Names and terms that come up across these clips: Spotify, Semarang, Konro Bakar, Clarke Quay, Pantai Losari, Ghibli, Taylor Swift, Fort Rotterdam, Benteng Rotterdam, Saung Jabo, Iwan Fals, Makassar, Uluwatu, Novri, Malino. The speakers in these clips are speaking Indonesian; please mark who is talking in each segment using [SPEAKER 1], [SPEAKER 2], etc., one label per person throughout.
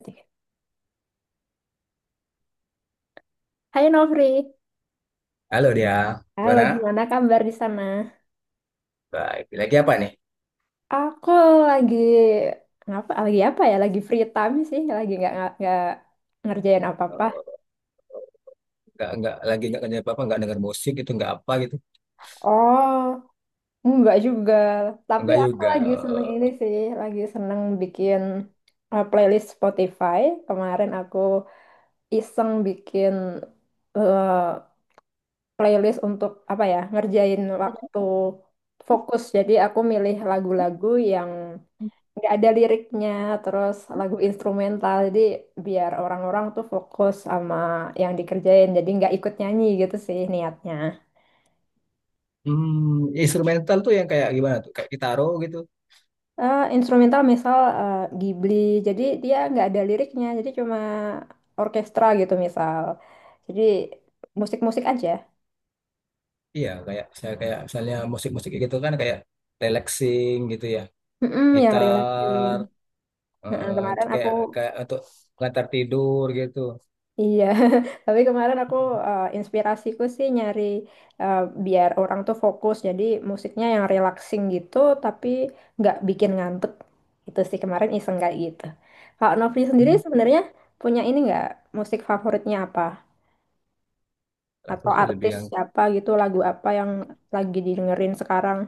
[SPEAKER 1] Oke. Hai Novri,
[SPEAKER 2] Halo dia,
[SPEAKER 1] halo,
[SPEAKER 2] gimana?
[SPEAKER 1] gimana kabar di sana?
[SPEAKER 2] Baik, lagi apa nih?
[SPEAKER 1] Aku lagi ngapa? Lagi apa ya? Lagi free time sih, lagi nggak ngerjain apa-apa.
[SPEAKER 2] Eh, nggak, lagi nggak kerja apa-apa, nggak denger musik gitu, nggak apa gitu.
[SPEAKER 1] Oh, nggak juga. Tapi
[SPEAKER 2] Nggak
[SPEAKER 1] aku
[SPEAKER 2] juga.
[SPEAKER 1] lagi seneng ini
[SPEAKER 2] eh,
[SPEAKER 1] sih, lagi seneng bikin playlist Spotify. Kemarin aku iseng bikin uh, playlist untuk apa ya? Ngerjain waktu fokus. Jadi aku milih lagu-lagu yang nggak ada liriknya, terus lagu instrumental, jadi biar orang-orang tuh fokus sama yang dikerjain, jadi nggak ikut nyanyi gitu sih niatnya.
[SPEAKER 2] hmm, instrumental tuh yang kayak gimana tuh? Kayak gitaro gitu.
[SPEAKER 1] Instrumental misal Ghibli, jadi dia nggak ada liriknya, jadi cuma orkestra gitu misal, jadi musik-musik aja.
[SPEAKER 2] Iya, kayak saya kayak misalnya musik-musik gitu kan kayak relaxing gitu ya.
[SPEAKER 1] Mm-mm, yang relaxing.
[SPEAKER 2] Gitar,
[SPEAKER 1] Nah,
[SPEAKER 2] itu
[SPEAKER 1] kemarin aku
[SPEAKER 2] kayak kayak untuk pengantar tidur gitu.
[SPEAKER 1] iya, tapi kemarin aku inspirasiku sih nyari eh, biar orang tuh fokus, jadi musiknya yang relaxing gitu, tapi nggak bikin ngantuk. Itu sih kemarin iseng kayak gitu. Kalau Novi sendiri
[SPEAKER 2] Hmm,
[SPEAKER 1] sebenarnya punya ini nggak, musik favoritnya apa?
[SPEAKER 2] aku
[SPEAKER 1] Atau
[SPEAKER 2] sih lebih
[SPEAKER 1] artis
[SPEAKER 2] yang
[SPEAKER 1] siapa gitu, lagu apa yang lagi didengerin sekarang?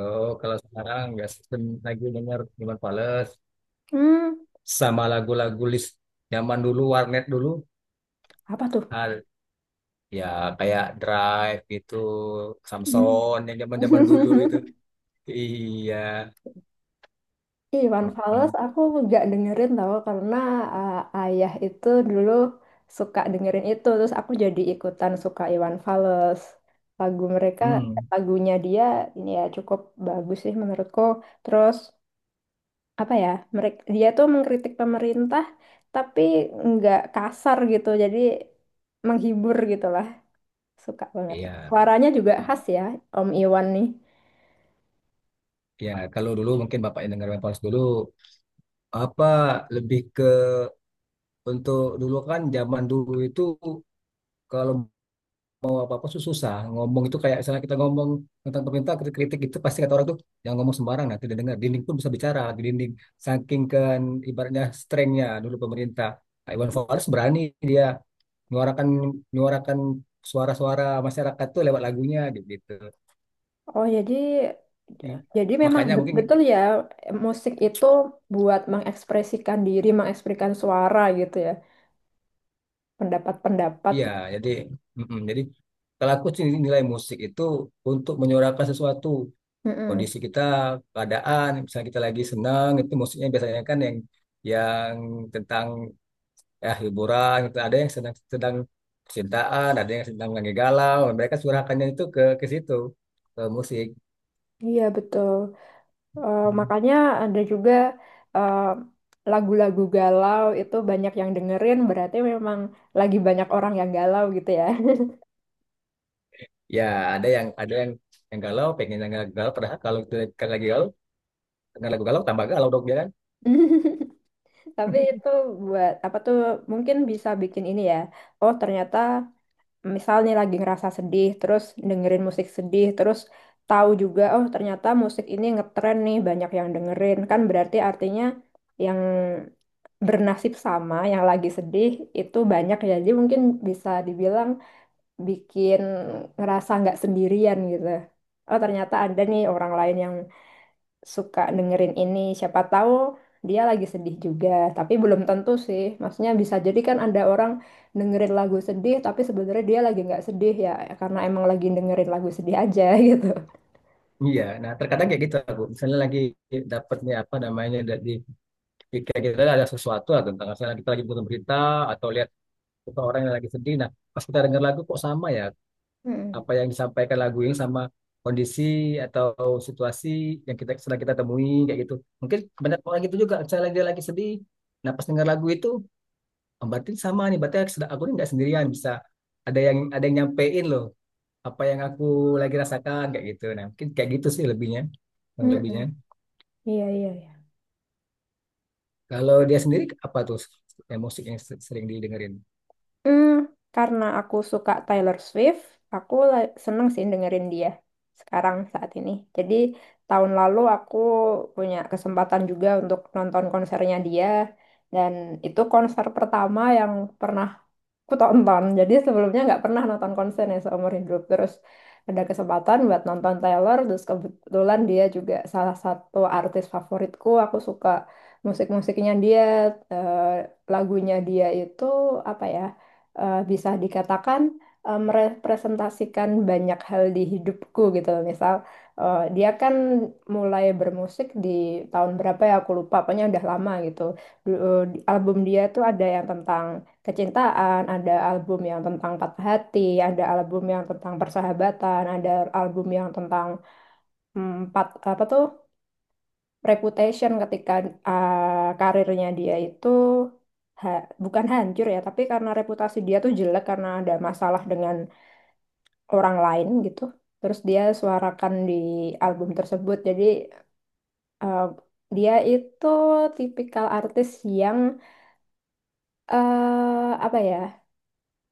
[SPEAKER 2] oh kalau sekarang nggak sistem lagi denger Iwan Fals
[SPEAKER 1] Hmm,
[SPEAKER 2] sama lagu-lagu list zaman dulu warnet dulu.
[SPEAKER 1] apa tuh?
[SPEAKER 2] Ya kayak Drive gitu,
[SPEAKER 1] Hmm.
[SPEAKER 2] Samson yang zaman-zaman dulu itu. Iya.
[SPEAKER 1] Ih, Iwan Fals
[SPEAKER 2] Mm-mm.
[SPEAKER 1] aku nggak dengerin tau karena uh, ayah itu dulu suka dengerin itu, terus aku jadi ikutan suka Iwan Fals. lagu mereka
[SPEAKER 2] Hmm.
[SPEAKER 1] Lagunya dia ini ya cukup bagus sih menurutku, terus apa ya, dia tuh mengkritik pemerintah tapi nggak kasar gitu, jadi menghibur gitu lah, suka banget,
[SPEAKER 2] Iya.
[SPEAKER 1] suaranya juga
[SPEAKER 2] Nah,
[SPEAKER 1] khas ya, Om Iwan nih.
[SPEAKER 2] ya kalau dulu mungkin bapaknya dengar Pals dulu, apa lebih ke, untuk dulu kan zaman dulu itu kalau mau apa-apa tuh susah. Ngomong itu kayak misalnya kita ngomong tentang pemerintah, kritik-kritik itu pasti kata orang tuh jangan ngomong sembarang nanti tidak dengar. Dinding pun bisa bicara di dinding. Saking kan ibaratnya strengthnya dulu pemerintah. Pak Iwan Fals berani, dia menyuarakan menyuarakan suara-suara masyarakat tuh lewat lagunya gitu.
[SPEAKER 1] Oh, jadi
[SPEAKER 2] I-
[SPEAKER 1] memang
[SPEAKER 2] Makanya mungkin
[SPEAKER 1] betul ya, musik itu buat mengekspresikan diri, mengekspresikan suara gitu ya, pendapat-pendapat.
[SPEAKER 2] iya, jadi mm-mm. Jadi kalau aku sih nilai musik itu untuk menyuarakan sesuatu
[SPEAKER 1] Mm-mm.
[SPEAKER 2] kondisi kita, keadaan. Misalnya kita lagi senang, itu musiknya biasanya kan yang yang tentang ya hiburan, gitu. Ada yang sedang sedang percintaan, ada yang sedang lagi galau, mereka curahkannya itu ke situ, ke musik.
[SPEAKER 1] Iya, betul. Makanya ada juga eh, lagu-lagu galau itu banyak yang dengerin, berarti memang lagi banyak orang yang galau gitu ya.
[SPEAKER 2] Ya, ada yang galau, pengen yang galau, padahal kalau itu kan lagi galau, dengan lagu galau tambah galau dong dia kan.
[SPEAKER 1] Tapi itu buat apa tuh? Mungkin bisa bikin ini ya. Oh, ternyata. Misal nih lagi ngerasa sedih, terus dengerin musik sedih, terus tahu juga, oh ternyata musik ini ngetren nih, banyak yang dengerin. Kan berarti artinya yang bernasib sama, yang lagi sedih, itu banyak ya. Jadi mungkin bisa dibilang bikin ngerasa nggak sendirian gitu. Oh, ternyata ada nih orang lain yang suka dengerin ini. Siapa tahu dia lagi sedih juga, tapi belum tentu sih. Maksudnya bisa jadi kan ada orang dengerin lagu sedih, tapi sebenarnya dia lagi nggak sedih ya, karena emang lagi dengerin lagu sedih aja gitu.
[SPEAKER 2] Iya, nah terkadang kayak gitu aku. Misalnya lagi dapatnya apa namanya kayak kita ada sesuatu lah tentang misalnya kita lagi butuh berita atau lihat suka orang yang lagi sedih. Nah, pas kita dengar lagu kok sama ya
[SPEAKER 1] Mm-mm.
[SPEAKER 2] apa yang disampaikan lagu ini sama kondisi atau situasi yang kita sedang kita temui kayak gitu. Mungkin banyak orang gitu juga, misalnya dia lagi sedih. Nah, pas dengar lagu itu, oh, berarti sama nih, berarti aku sedang- aku ini nggak sendirian, bisa ada yang nyampein loh apa yang aku lagi rasakan kayak gitu. Nah, mungkin kayak gitu sih lebihnya, yang
[SPEAKER 1] Mm-mm.
[SPEAKER 2] lebihnya.
[SPEAKER 1] Iya, iya.
[SPEAKER 2] Kalau dia sendiri apa tuh emosi yang sering didengerin?
[SPEAKER 1] Hmm, karena aku suka Taylor Swift, aku seneng sih dengerin dia sekarang saat ini. Jadi tahun lalu aku punya kesempatan juga untuk nonton konsernya dia, dan itu konser pertama yang pernah aku tonton. Jadi sebelumnya nggak pernah nonton konsernya seumur hidup. Terus ada kesempatan buat nonton Taylor, terus kebetulan dia juga salah satu artis favoritku. Aku suka musik-musiknya dia, eh, lagunya dia itu apa ya? Bisa dikatakan merepresentasikan banyak hal di hidupku gitu loh. Misal dia kan mulai bermusik di tahun berapa ya aku lupa, pokoknya udah lama gitu. Album dia tuh ada yang tentang kecintaan, ada album yang tentang patah hati, ada album yang tentang persahabatan, ada album yang tentang hmm, empat apa tuh, reputation, ketika karirnya dia itu bukan hancur ya, tapi karena reputasi dia tuh jelek karena ada masalah dengan orang lain gitu. Terus dia suarakan di album tersebut. Jadi uh, dia itu tipikal artis yang eh apa ya,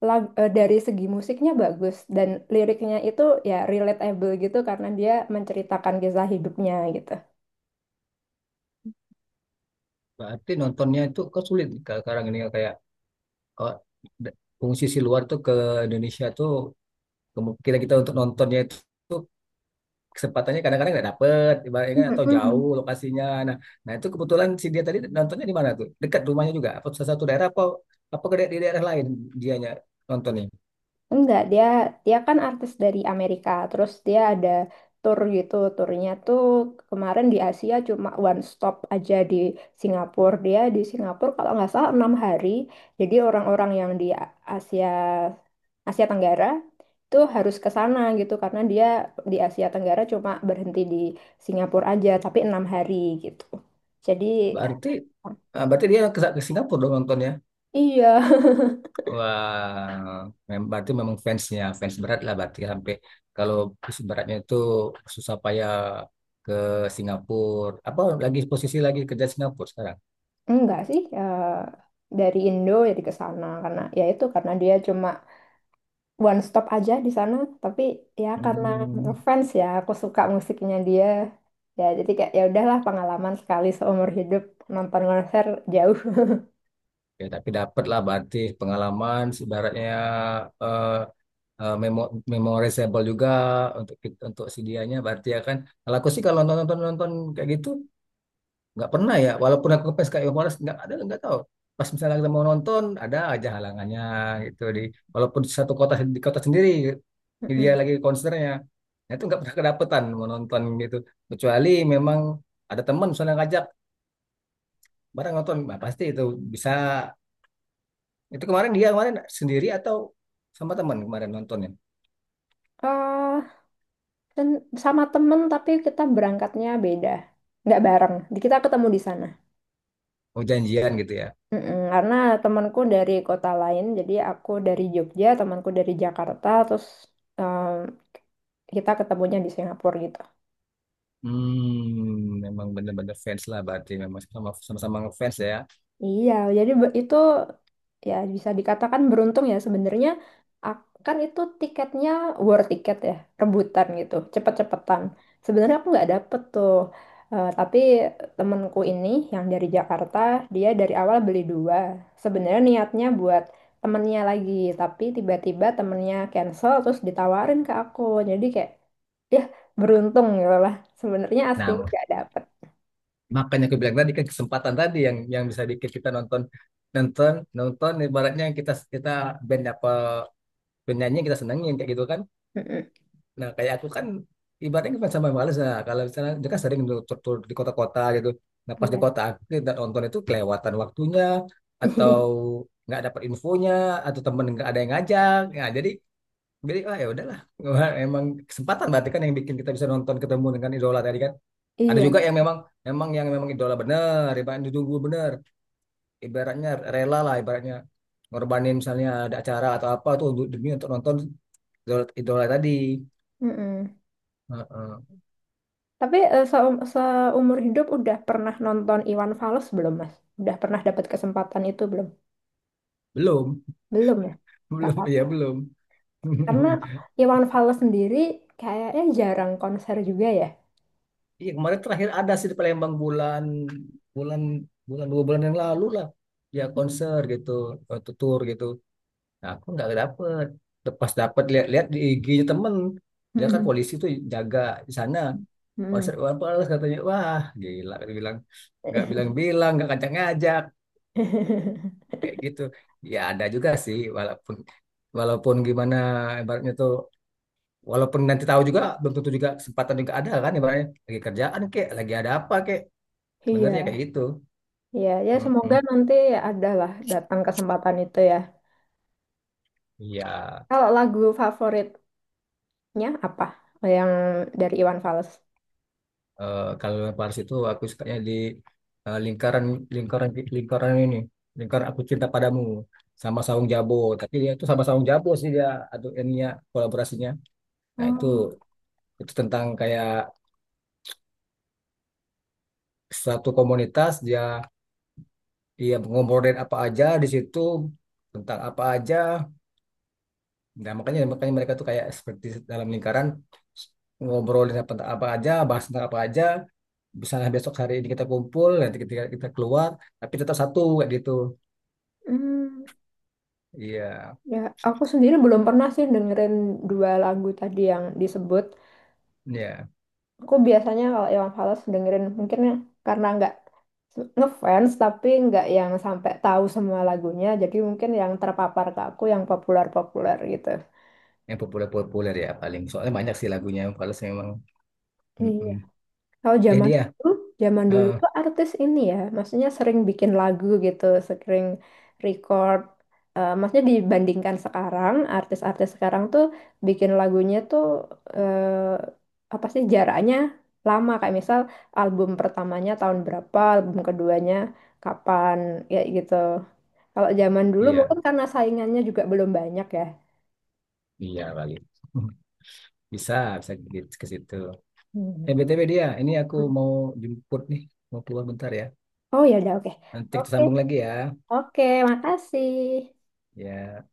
[SPEAKER 1] dari segi musiknya bagus dan liriknya itu ya relatable gitu karena dia menceritakan kisah hidupnya gitu.
[SPEAKER 2] Berarti nontonnya itu kok sulit nih, kalau sekarang ini kayak oh, fungsi si luar tuh ke Indonesia tuh kita kita untuk nontonnya itu tuh kesempatannya kadang-kadang nggak dapet ibaratnya kan, atau jauh
[SPEAKER 1] Mhm.
[SPEAKER 2] lokasinya. Nah nah itu kebetulan si dia tadi nontonnya di mana tuh, dekat rumahnya juga apa salah satu daerah, apa apa di daerah lain dianya nontonnya.
[SPEAKER 1] Enggak, dia dia kan artis dari Amerika. Terus dia ada tour gitu. Turnya tuh kemarin di Asia cuma one stop aja di Singapura. Dia di Singapura kalau nggak salah 6 hari. Jadi orang-orang yang di Asia Asia Tenggara itu harus ke sana gitu karena dia di Asia Tenggara cuma berhenti di Singapura aja, tapi 6 hari gitu. Jadi
[SPEAKER 2] Berarti ah, berarti dia ke Singapura dong nontonnya.
[SPEAKER 1] iya,
[SPEAKER 2] Wah, berarti memang fansnya fans berat lah berarti ya, sampai kalau fans beratnya itu susah payah ke Singapura. Apa lagi posisi lagi kerja Singapura sekarang?
[SPEAKER 1] enggak sih. Dari Indo jadi ke sana karena ya itu, karena dia cuma one stop aja di sana, tapi ya karena
[SPEAKER 2] Hmm,
[SPEAKER 1] ngefans ya, aku suka musiknya dia, ya jadi kayak ya udahlah, pengalaman sekali seumur hidup nonton konser jauh.
[SPEAKER 2] ya tapi dapat lah berarti pengalaman sebaratnya, eh memorizable juga untuk untuk si dianya berarti ya kan. Kalau aku sih kalau nonton-nonton kayak gitu nggak pernah ya, walaupun aku ke PSKI Forest nggak ada, nggak tahu, pas misalnya kita mau nonton ada aja halangannya gitu di, walaupun di satu kota di kota sendiri dia
[SPEAKER 1] Mm-mm.
[SPEAKER 2] lagi konsernya, nah itu nggak pernah kedapetan mau nonton gitu, kecuali memang ada teman misalnya ngajak bareng nonton, nah pasti itu bisa. Itu kemarin dia kemarin sendiri atau sama teman kemarin nontonnya,
[SPEAKER 1] Eh, dan sama temen, tapi kita berangkatnya beda, nggak bareng. Jadi kita ketemu di sana.
[SPEAKER 2] mau janjian gitu ya.
[SPEAKER 1] Mm-mm, karena temanku dari kota lain, jadi aku dari Jogja, temanku dari Jakarta, terus em, kita ketemunya di Singapura gitu.
[SPEAKER 2] Hmm, memang bener-bener fans lah berarti, memang sama, sama-sama ngefans ya.
[SPEAKER 1] Iya, jadi itu ya bisa dikatakan beruntung ya sebenarnya. Kan itu tiketnya war tiket ya, rebutan gitu, cepet-cepetan. Sebenarnya aku nggak dapet tuh. Tapi temenku ini, yang dari Jakarta, dia dari awal beli dua. Sebenarnya niatnya buat temennya lagi, tapi tiba-tiba temennya cancel, terus ditawarin ke aku. Jadi kayak ya beruntung gitu lah. Sebenarnya aslinya
[SPEAKER 2] Nah,
[SPEAKER 1] nggak dapet.
[SPEAKER 2] makanya aku bilang tadi kan, kesempatan tadi yang bisa bikin kita nonton nonton nonton ibaratnya kita kita band, apa band nyanyi yang kita senengin kayak gitu kan.
[SPEAKER 1] Mm-mm.
[SPEAKER 2] Nah kayak aku kan ibaratnya kan sama males lah. Kalau misalnya dia kan sering dulu tur, tur di kota-kota gitu. Nah pas di
[SPEAKER 1] Iya.
[SPEAKER 2] kota aku tidak nonton itu kelewatan waktunya, atau nggak dapat infonya, atau temen nggak ada yang ngajak. Nah jadi ah ya udahlah. Emang kesempatan berarti kan yang bikin kita bisa nonton ketemu dengan idola tadi kan. Ada
[SPEAKER 1] Iya.
[SPEAKER 2] juga yang memang, memang yang memang idola bener, ibaratnya ditunggu bener, ibaratnya rela lah, ibaratnya ngorbanin misalnya ada acara atau apa tuh untuk demi untuk nonton idola, idola tadi.
[SPEAKER 1] Mm-mm.
[SPEAKER 2] Heeh.
[SPEAKER 1] Tapi seumur hidup udah pernah nonton Iwan Fals belum, Mas? Udah pernah dapat kesempatan itu belum?
[SPEAKER 2] Belum,
[SPEAKER 1] Belum ya? Gak
[SPEAKER 2] belum ya
[SPEAKER 1] apa-apa.
[SPEAKER 2] belum.
[SPEAKER 1] Karena Iwan Fals sendiri kayaknya jarang konser juga ya.
[SPEAKER 2] Iya kemarin terakhir ada sih di Palembang, bulan bulan bulan dua bulan yang lalu lah, ya konser gitu, atau tour gitu. Nah, aku nggak dapet. Pas dapet lihat-lihat di IG-nya temen, dia kan polisi tuh jaga di sana. Pasar
[SPEAKER 1] Hmm.
[SPEAKER 2] Iwan Fals katanya, wah gila. Dia bilang nggak bilang-bilang, nggak kacang ngajak kayak gitu. Ya ada juga sih, walaupun walaupun gimana ibaratnya tuh, walaupun nanti tahu juga belum tentu juga kesempatan juga ada kan, ibaratnya lagi kerjaan kek, lagi ada apa kek, sebenarnya kayak
[SPEAKER 1] Iya,
[SPEAKER 2] gitu.
[SPEAKER 1] iya, ya semoga
[SPEAKER 2] Mm-mm.
[SPEAKER 1] nanti ada lah datang kesempatan itu ya.
[SPEAKER 2] Iya,
[SPEAKER 1] Kalau lagu favoritnya apa? Yang dari Iwan Fals?
[SPEAKER 2] kalau Iwan Fals itu aku sukanya di eh, lingkaran lingkaran lingkaran ini, lingkaran aku cinta padamu sama Saung Jabo, tapi dia itu sama Saung Jabo sih dia, aduh ininya kolaborasinya. Nah, itu
[SPEAKER 1] Oh,
[SPEAKER 2] Itu tentang kayak suatu komunitas, dia dia ngobrolin apa aja di situ, tentang apa aja. Nah, makanya makanya mereka tuh kayak seperti dalam lingkaran ngobrolin apa, apa aja, bahas tentang apa aja. Misalnya besok hari ini kita kumpul, nanti ketika kita keluar, tapi tetap satu kayak gitu.
[SPEAKER 1] hmm,
[SPEAKER 2] Iya,
[SPEAKER 1] ya aku sendiri belum pernah sih dengerin dua lagu tadi yang disebut.
[SPEAKER 2] iya.
[SPEAKER 1] Aku biasanya kalau Iwan Fals dengerin mungkin ya, karena nggak ngefans, tapi nggak yang sampai tahu semua lagunya, jadi mungkin yang terpapar ke aku yang populer-populer gitu.
[SPEAKER 2] Yang populer-populer ya paling. Soalnya banyak sih lagunya kalau saya memang. Mm-mm.
[SPEAKER 1] Kalau
[SPEAKER 2] Eh
[SPEAKER 1] zaman
[SPEAKER 2] dia,
[SPEAKER 1] dulu, zaman dulu
[SPEAKER 2] Eh,
[SPEAKER 1] tuh artis ini ya, maksudnya sering bikin lagu gitu, sering record. Maksudnya dibandingkan sekarang, artis-artis sekarang tuh bikin lagunya tuh apa sih jaraknya, lama. Kayak misal album pertamanya tahun berapa, album keduanya kapan, ya gitu. Kalau zaman dulu mungkin
[SPEAKER 2] iya,
[SPEAKER 1] karena saingannya juga belum banyak ya.
[SPEAKER 2] iya kali. Bisa, bisa ke situ.
[SPEAKER 1] Hmm.
[SPEAKER 2] Eh, BTW dia, ini aku mau jemput nih, mau keluar bentar ya.
[SPEAKER 1] Oh ya udah, oke.
[SPEAKER 2] Nanti kita
[SPEAKER 1] Oke,
[SPEAKER 2] sambung lagi ya.
[SPEAKER 1] oke, makasih.
[SPEAKER 2] Ya.